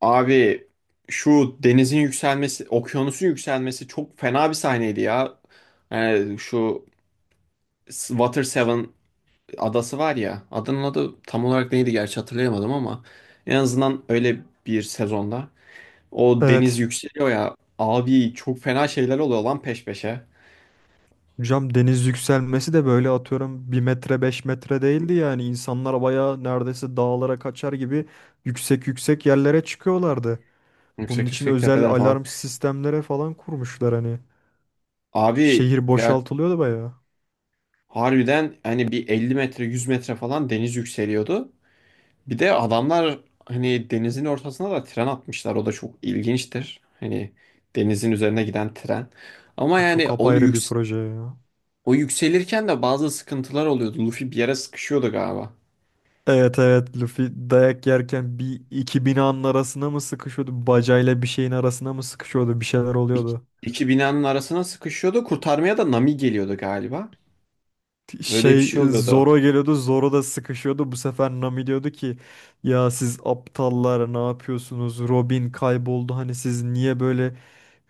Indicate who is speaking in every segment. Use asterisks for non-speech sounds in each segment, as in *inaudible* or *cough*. Speaker 1: Abi, şu denizin yükselmesi, okyanusun yükselmesi çok fena bir sahneydi ya. Yani şu Water Seven adası var ya. Adanın adı tam olarak neydi gerçi hatırlayamadım ama en azından öyle bir sezonda o deniz
Speaker 2: Evet.
Speaker 1: yükseliyor ya. Abi çok fena şeyler oluyor lan peş peşe.
Speaker 2: Hocam, deniz yükselmesi de böyle atıyorum bir metre 5 metre değildi, yani insanlar bayağı neredeyse dağlara kaçar gibi yüksek yüksek yerlere çıkıyorlardı. Bunun
Speaker 1: Yüksek
Speaker 2: için
Speaker 1: yüksek
Speaker 2: özel
Speaker 1: tepeler falan.
Speaker 2: alarm sistemlere falan kurmuşlar hani.
Speaker 1: Abi
Speaker 2: Şehir
Speaker 1: ya
Speaker 2: boşaltılıyordu bayağı.
Speaker 1: harbiden hani bir 50 metre 100 metre falan deniz yükseliyordu. Bir de adamlar hani denizin ortasına da tren atmışlar. O da çok ilginçtir. Hani denizin üzerine giden tren. Ama
Speaker 2: O çok
Speaker 1: yani o,
Speaker 2: apayrı bir
Speaker 1: yüks
Speaker 2: proje ya.
Speaker 1: O yükselirken de bazı sıkıntılar oluyordu. Luffy bir yere sıkışıyordu galiba.
Speaker 2: Evet, evet, Luffy dayak yerken bir iki binanın arasına mı sıkışıyordu? Bacayla bir şeyin arasına mı sıkışıyordu? Bir şeyler
Speaker 1: İki,
Speaker 2: oluyordu.
Speaker 1: iki binanın arasına sıkışıyordu. Kurtarmaya da Nami geliyordu galiba. Öyle bir şey oluyordu.
Speaker 2: Zoro geliyordu. Zoro da sıkışıyordu. Bu sefer Nami diyordu ki ya siz aptallar ne yapıyorsunuz? Robin kayboldu. Hani siz niye böyle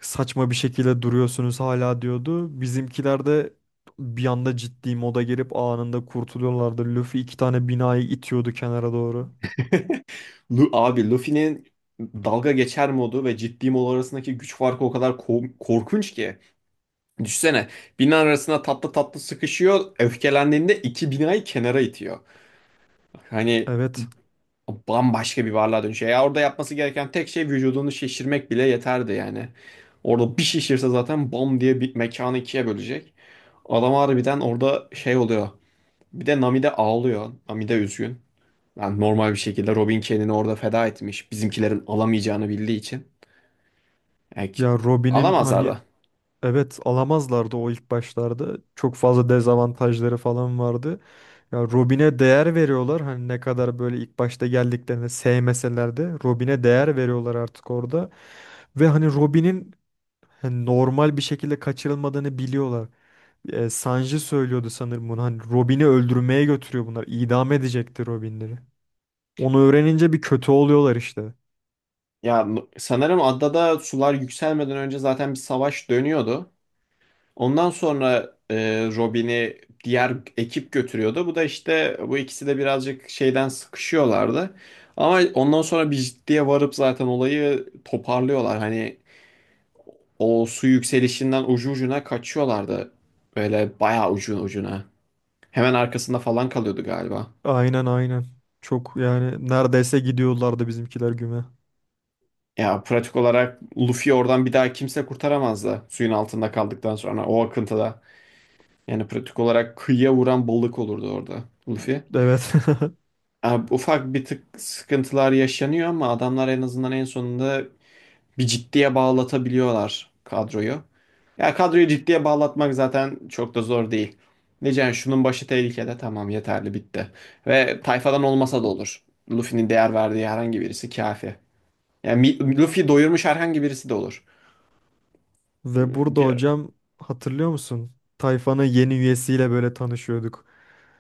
Speaker 2: saçma bir şekilde duruyorsunuz hala diyordu. Bizimkiler de bir anda ciddi moda girip anında kurtuluyorlardı. Luffy iki tane binayı itiyordu kenara doğru.
Speaker 1: Abi Luffy'nin dalga geçer modu ve ciddi mod arasındaki güç farkı o kadar korkunç ki. Düşsene, bina arasına tatlı tatlı sıkışıyor. Öfkelendiğinde iki binayı kenara itiyor. Hani
Speaker 2: Evet.
Speaker 1: bambaşka bir varlığa dönüşüyor. Ya orada yapması gereken tek şey vücudunu şişirmek bile yeterdi yani. Orada bir şişirse zaten bom diye bir mekanı ikiye bölecek. Adam harbiden orada şey oluyor. Bir de Nami de ağlıyor. Nami de üzgün. Yani normal bir şekilde Robin kendini orada feda etmiş, bizimkilerin alamayacağını bildiği için. Yani ki-
Speaker 2: Ya Robin'in
Speaker 1: Alamazlar
Speaker 2: hani...
Speaker 1: da.
Speaker 2: Evet, alamazlardı o ilk başlarda. Çok fazla dezavantajları falan vardı. Ya Robin'e değer veriyorlar. Hani ne kadar böyle ilk başta geldiklerinde sevmeseler de Robin'e değer veriyorlar artık orada. Ve hani Robin'in hani normal bir şekilde kaçırılmadığını biliyorlar. E, Sanji söylüyordu sanırım bunu. Hani Robin'i öldürmeye götürüyor bunlar. İdam edecekti Robin'leri. Onu öğrenince bir kötü oluyorlar işte.
Speaker 1: Ya sanırım adada sular yükselmeden önce zaten bir savaş dönüyordu. Ondan sonra Robin'i diğer ekip götürüyordu. Bu da işte, bu ikisi de birazcık şeyden sıkışıyorlardı. Ama ondan sonra bir ciddiye varıp zaten olayı toparlıyorlar. Hani o su yükselişinden ucu ucuna kaçıyorlardı. Böyle bayağı ucu ucuna. Hemen arkasında falan kalıyordu galiba.
Speaker 2: Aynen, aynen. Çok, yani neredeyse gidiyorlardı bizimkiler güme.
Speaker 1: Ya pratik olarak Luffy oradan bir daha kimse kurtaramazdı suyun altında kaldıktan sonra o akıntıda. Yani pratik olarak kıyıya vuran balık olurdu orada Luffy.
Speaker 2: Evet. *laughs*
Speaker 1: Abi, ufak bir tık sıkıntılar yaşanıyor ama adamlar en azından en sonunda bir ciddiye bağlatabiliyorlar kadroyu. Ya kadroyu ciddiye bağlatmak zaten çok da zor değil. Diyeceksin, "Yani şunun başı tehlikede, tamam, yeterli, bitti. Ve tayfadan olmasa da olur. Luffy'nin değer verdiği herhangi birisi kafi. Yani Luffy doyurmuş herhangi birisi de olur.
Speaker 2: Ve burada
Speaker 1: Bir,
Speaker 2: hocam, hatırlıyor musun? Tayfanın yeni üyesiyle böyle tanışıyorduk.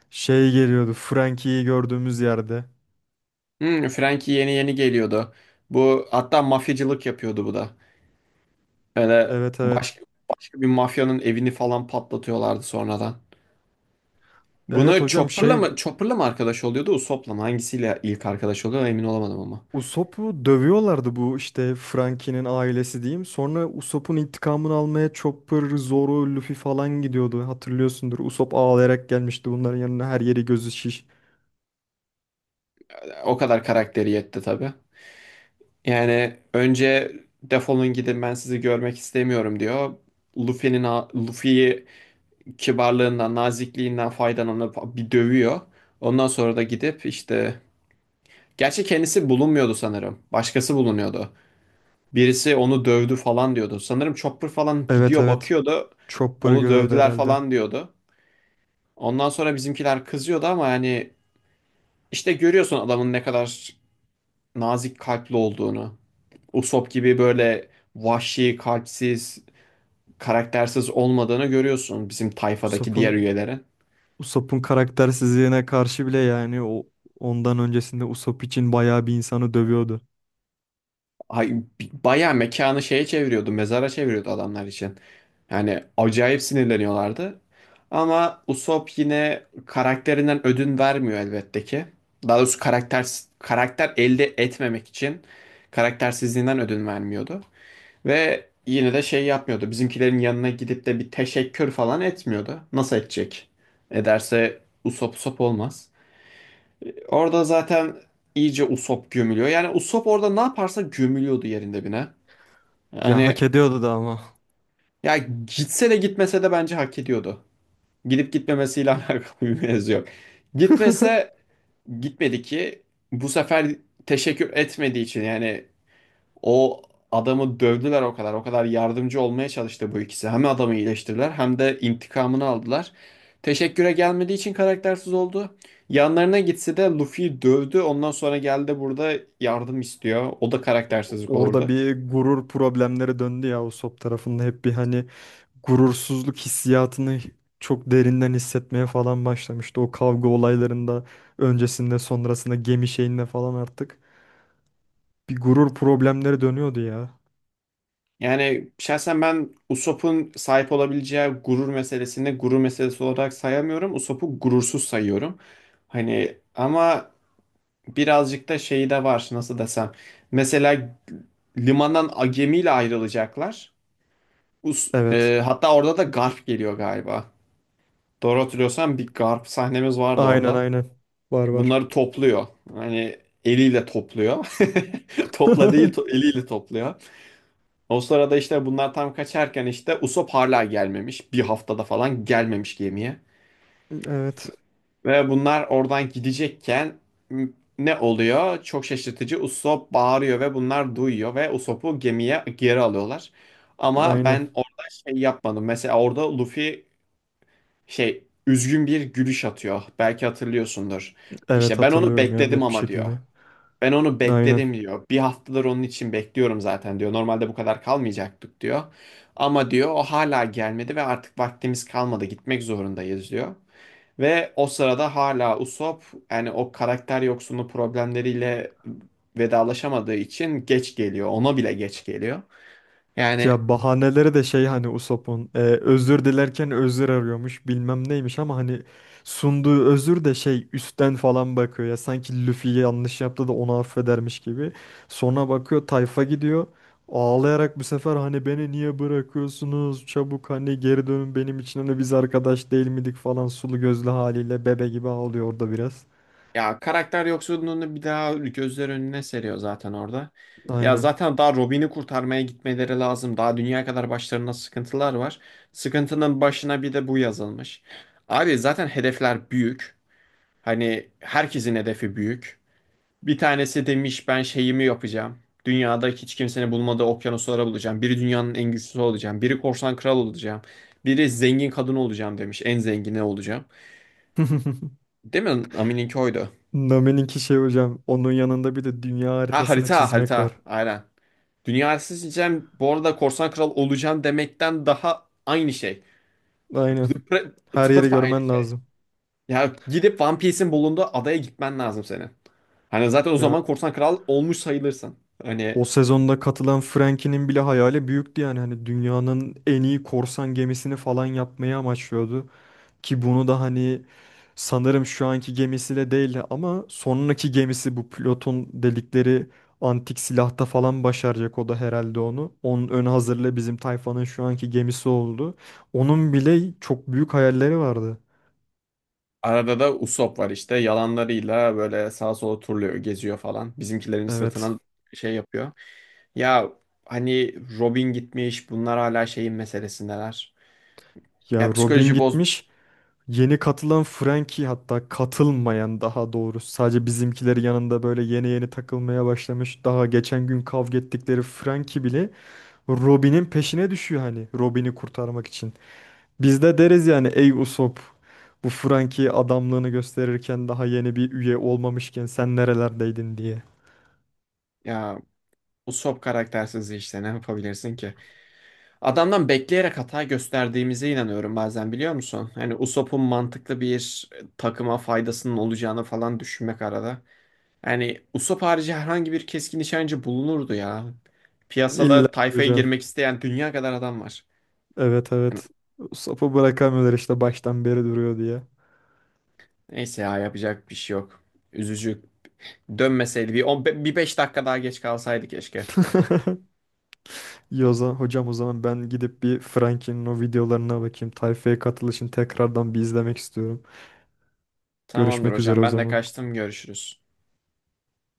Speaker 2: Şey geliyordu Frankie'yi gördüğümüz yerde.
Speaker 1: Frankie yeni yeni geliyordu. Bu hatta mafyacılık yapıyordu bu da. Öyle
Speaker 2: Evet, evet.
Speaker 1: başka, başka bir mafyanın evini falan patlatıyorlardı sonradan.
Speaker 2: Evet
Speaker 1: Buna
Speaker 2: hocam,
Speaker 1: Chopper'la
Speaker 2: şey,
Speaker 1: mı Chopper'la mı arkadaş oluyordu, Usopp'la mı? Hangisiyle ilk arkadaş oluyor emin olamadım ama.
Speaker 2: Usopp'u dövüyorlardı bu, işte Frankie'nin ailesi diyeyim. Sonra Usopp'un intikamını almaya Chopper, Zoro, Luffy falan gidiyordu. Hatırlıyorsundur. Usopp ağlayarak gelmişti bunların yanına, her yeri gözü şiş.
Speaker 1: O kadar karakteri yetti tabii. Yani önce defolun gidin ben sizi görmek istemiyorum diyor. Luffy'nin Luffy'yi kibarlığından, nazikliğinden faydalanıp bir dövüyor. Ondan sonra da gidip işte, gerçi kendisi bulunmuyordu sanırım. Başkası bulunuyordu. Birisi onu dövdü falan diyordu. Sanırım Chopper falan
Speaker 2: Evet,
Speaker 1: gidiyor
Speaker 2: evet.
Speaker 1: bakıyordu.
Speaker 2: Chopper'ı
Speaker 1: Onu
Speaker 2: görüyordu
Speaker 1: dövdüler
Speaker 2: herhalde.
Speaker 1: falan diyordu. Ondan sonra bizimkiler kızıyordu ama yani işte görüyorsun adamın ne kadar nazik kalpli olduğunu. Usopp gibi böyle vahşi, kalpsiz, karaktersiz olmadığını görüyorsun bizim tayfadaki diğer
Speaker 2: Usopp'un
Speaker 1: üyelerin.
Speaker 2: Usopp'un karaktersizliğine karşı bile, yani o ondan öncesinde Usopp için bayağı bir insanı dövüyordu.
Speaker 1: Ay, Bayağı mekanı şeye çeviriyordu, mezara çeviriyordu adamlar için. Yani acayip sinirleniyorlardı. Ama Usopp yine karakterinden ödün vermiyor elbette ki. Daha doğrusu karakter elde etmemek için karaktersizliğinden ödün vermiyordu. Ve yine de şey yapmıyordu. Bizimkilerin yanına gidip de bir teşekkür falan etmiyordu. Nasıl edecek? Ederse Usop Usop olmaz. Orada zaten iyice Usop gömülüyor. Yani Usop orada ne yaparsa gömülüyordu yerinde bine.
Speaker 2: Ya
Speaker 1: Hani
Speaker 2: hak ediyordu da ama.
Speaker 1: ya, gitse de gitmese de bence hak ediyordu. Gidip gitmemesiyle *laughs* alakalı bir mevzu yok. Gitmese
Speaker 2: *laughs*
Speaker 1: gitmedi ki bu sefer, teşekkür etmediği için yani. O adamı dövdüler o kadar. O kadar yardımcı olmaya çalıştı bu ikisi. Hem adamı iyileştirdiler hem de intikamını aldılar. Teşekküre gelmediği için karaktersiz oldu. Yanlarına gitse de Luffy'yi dövdü. Ondan sonra geldi burada yardım istiyor. O da karaktersizlik
Speaker 2: Orada
Speaker 1: olurdu.
Speaker 2: bir gurur problemleri döndü ya. Usopp tarafında hep bir, hani, gurursuzluk hissiyatını çok derinden hissetmeye falan başlamıştı. O kavga olaylarında öncesinde sonrasında gemi şeyinde falan artık bir gurur problemleri dönüyordu ya.
Speaker 1: Yani şahsen ben Usopp'un sahip olabileceği gurur meselesini gurur meselesi olarak sayamıyorum. Usopp'u gurursuz sayıyorum. Hani ama birazcık da şeyi de var, nasıl desem. Mesela limandan gemiyle ayrılacaklar.
Speaker 2: Evet.
Speaker 1: Hatta orada da Garp geliyor galiba. Doğru hatırlıyorsam bir Garp sahnemiz vardı
Speaker 2: Aynen,
Speaker 1: orada.
Speaker 2: aynen. Var, var.
Speaker 1: Bunları topluyor. Hani eliyle topluyor. *laughs* Topla değil to-
Speaker 2: *laughs*
Speaker 1: Eliyle topluyor. O sırada işte bunlar tam kaçarken işte Usopp hala gelmemiş. Bir haftada falan gelmemiş gemiye.
Speaker 2: Evet.
Speaker 1: Ve bunlar oradan gidecekken m- ne oluyor? Çok şaşırtıcı. Usopp bağırıyor ve bunlar duyuyor ve Usopp'u gemiye geri alıyorlar. Ama
Speaker 2: Aynen.
Speaker 1: ben orada şey yapmadım. Mesela orada Luffy, şey, üzgün bir gülüş atıyor. Belki hatırlıyorsundur.
Speaker 2: Evet,
Speaker 1: İşte ben onu
Speaker 2: hatırlıyorum ya,
Speaker 1: bekledim
Speaker 2: net bir
Speaker 1: ama diyor.
Speaker 2: şekilde.
Speaker 1: Ben onu
Speaker 2: Aynen.
Speaker 1: bekledim diyor. Bir haftadır onun için bekliyorum zaten diyor. Normalde bu kadar kalmayacaktık diyor. Ama diyor o hala gelmedi ve artık vaktimiz kalmadı. Gitmek zorundayız diyor. Ve o sırada hala Usopp yani o karakter yoksunu problemleriyle vedalaşamadığı için geç geliyor. Ona bile geç geliyor. Yani
Speaker 2: Ya, bahaneleri de şey, hani Usopp'un özür dilerken özür arıyormuş bilmem neymiş, ama hani sunduğu özür de şey, üstten falan bakıyor ya, sanki Luffy yanlış yaptı da onu affedermiş gibi. Sonra bakıyor tayfa gidiyor, ağlayarak bu sefer hani beni niye bırakıyorsunuz çabuk hani geri dönün benim için hani biz arkadaş değil miydik falan, sulu gözlü haliyle bebe gibi ağlıyor orada biraz.
Speaker 1: ya karakter yoksunluğunu bir daha gözler önüne seriyor zaten orada. Ya
Speaker 2: Aynen.
Speaker 1: zaten daha Robin'i kurtarmaya gitmeleri lazım. Daha dünya kadar başlarında sıkıntılar var. Sıkıntının başına bir de bu yazılmış. Abi zaten hedefler büyük. Hani herkesin hedefi büyük. Bir tanesi demiş ben şeyimi yapacağım. Dünyada hiç kimsenin bulmadığı okyanuslara bulacağım. Biri dünyanın en güçlüsü olacağım. Biri korsan kral olacağım. Biri zengin kadın olacağım demiş. En zengini olacağım.
Speaker 2: *laughs*
Speaker 1: Değil mi? Amin'inki oydu.
Speaker 2: Nami'ninki şey hocam, onun yanında bir de dünya
Speaker 1: Ha,
Speaker 2: haritasını
Speaker 1: harita
Speaker 2: çizmek
Speaker 1: harita.
Speaker 2: var.
Speaker 1: Aynen. Dünyayı seçeceğim. Bu arada korsan kral olacağım demekten daha aynı şey.
Speaker 2: Aynen.
Speaker 1: Tıpa
Speaker 2: Her yeri
Speaker 1: Tıpatıp aynı
Speaker 2: görmen
Speaker 1: şey.
Speaker 2: lazım.
Speaker 1: Ya gidip One Piece'in bulunduğu adaya gitmen lazım senin. Hani zaten o
Speaker 2: Ya
Speaker 1: zaman korsan kral olmuş sayılırsın. Hani
Speaker 2: o sezonda katılan Frankie'nin bile hayali büyüktü, yani hani dünyanın en iyi korsan gemisini falan yapmayı amaçlıyordu ki bunu da hani sanırım şu anki gemisiyle değil ama sonraki gemisi, bu Plut'un delikleri antik silahta falan başaracak o da herhalde onu. Onun ön hazırlığı bizim tayfanın şu anki gemisi oldu. Onun bile çok büyük hayalleri vardı.
Speaker 1: arada da Usopp var işte. Yalanlarıyla böyle sağa sola turluyor, geziyor falan. Bizimkilerin
Speaker 2: Evet.
Speaker 1: sırtına şey yapıyor. Ya hani Robin gitmiş, bunlar hala şeyin meselesindeler.
Speaker 2: Ya
Speaker 1: Ya psikoloji
Speaker 2: Robin
Speaker 1: boz...
Speaker 2: gitmiş. Yeni katılan Frankie, hatta katılmayan daha doğrusu, sadece bizimkileri yanında böyle yeni yeni takılmaya başlamış. Daha geçen gün kavga ettikleri Frankie bile Robin'in peşine düşüyor hani Robin'i kurtarmak için. Biz de deriz yani, ey Usopp, bu Frankie adamlığını gösterirken daha yeni bir üye olmamışken sen nerelerdeydin diye.
Speaker 1: Ya Usopp karaktersiz işte, ne yapabilirsin ki? Adamdan bekleyerek hata gösterdiğimize inanıyorum bazen, biliyor musun? Hani Usopp'un mantıklı bir, takıma faydasının olacağını falan düşünmek arada. Yani Usopp harici herhangi bir keskin nişancı bulunurdu ya.
Speaker 2: İlla
Speaker 1: Piyasada
Speaker 2: ki
Speaker 1: tayfaya
Speaker 2: hocam,
Speaker 1: girmek isteyen dünya kadar adam var.
Speaker 2: evet,
Speaker 1: Yani
Speaker 2: evet, Usopp'u bırakamıyorlar işte baştan beri duruyor diye.
Speaker 1: neyse ya, yapacak bir şey yok. Üzücü. Dönmeseydi bir, on, bir beş dakika daha geç kalsaydı keşke.
Speaker 2: *laughs* İyi, o zaman hocam, o zaman ben gidip bir Frankie'nin o videolarına bakayım. Tayfa'ya katılışını tekrardan bir izlemek istiyorum.
Speaker 1: Tamamdır
Speaker 2: Görüşmek üzere
Speaker 1: hocam,
Speaker 2: o
Speaker 1: ben de
Speaker 2: zaman.
Speaker 1: kaçtım, görüşürüz.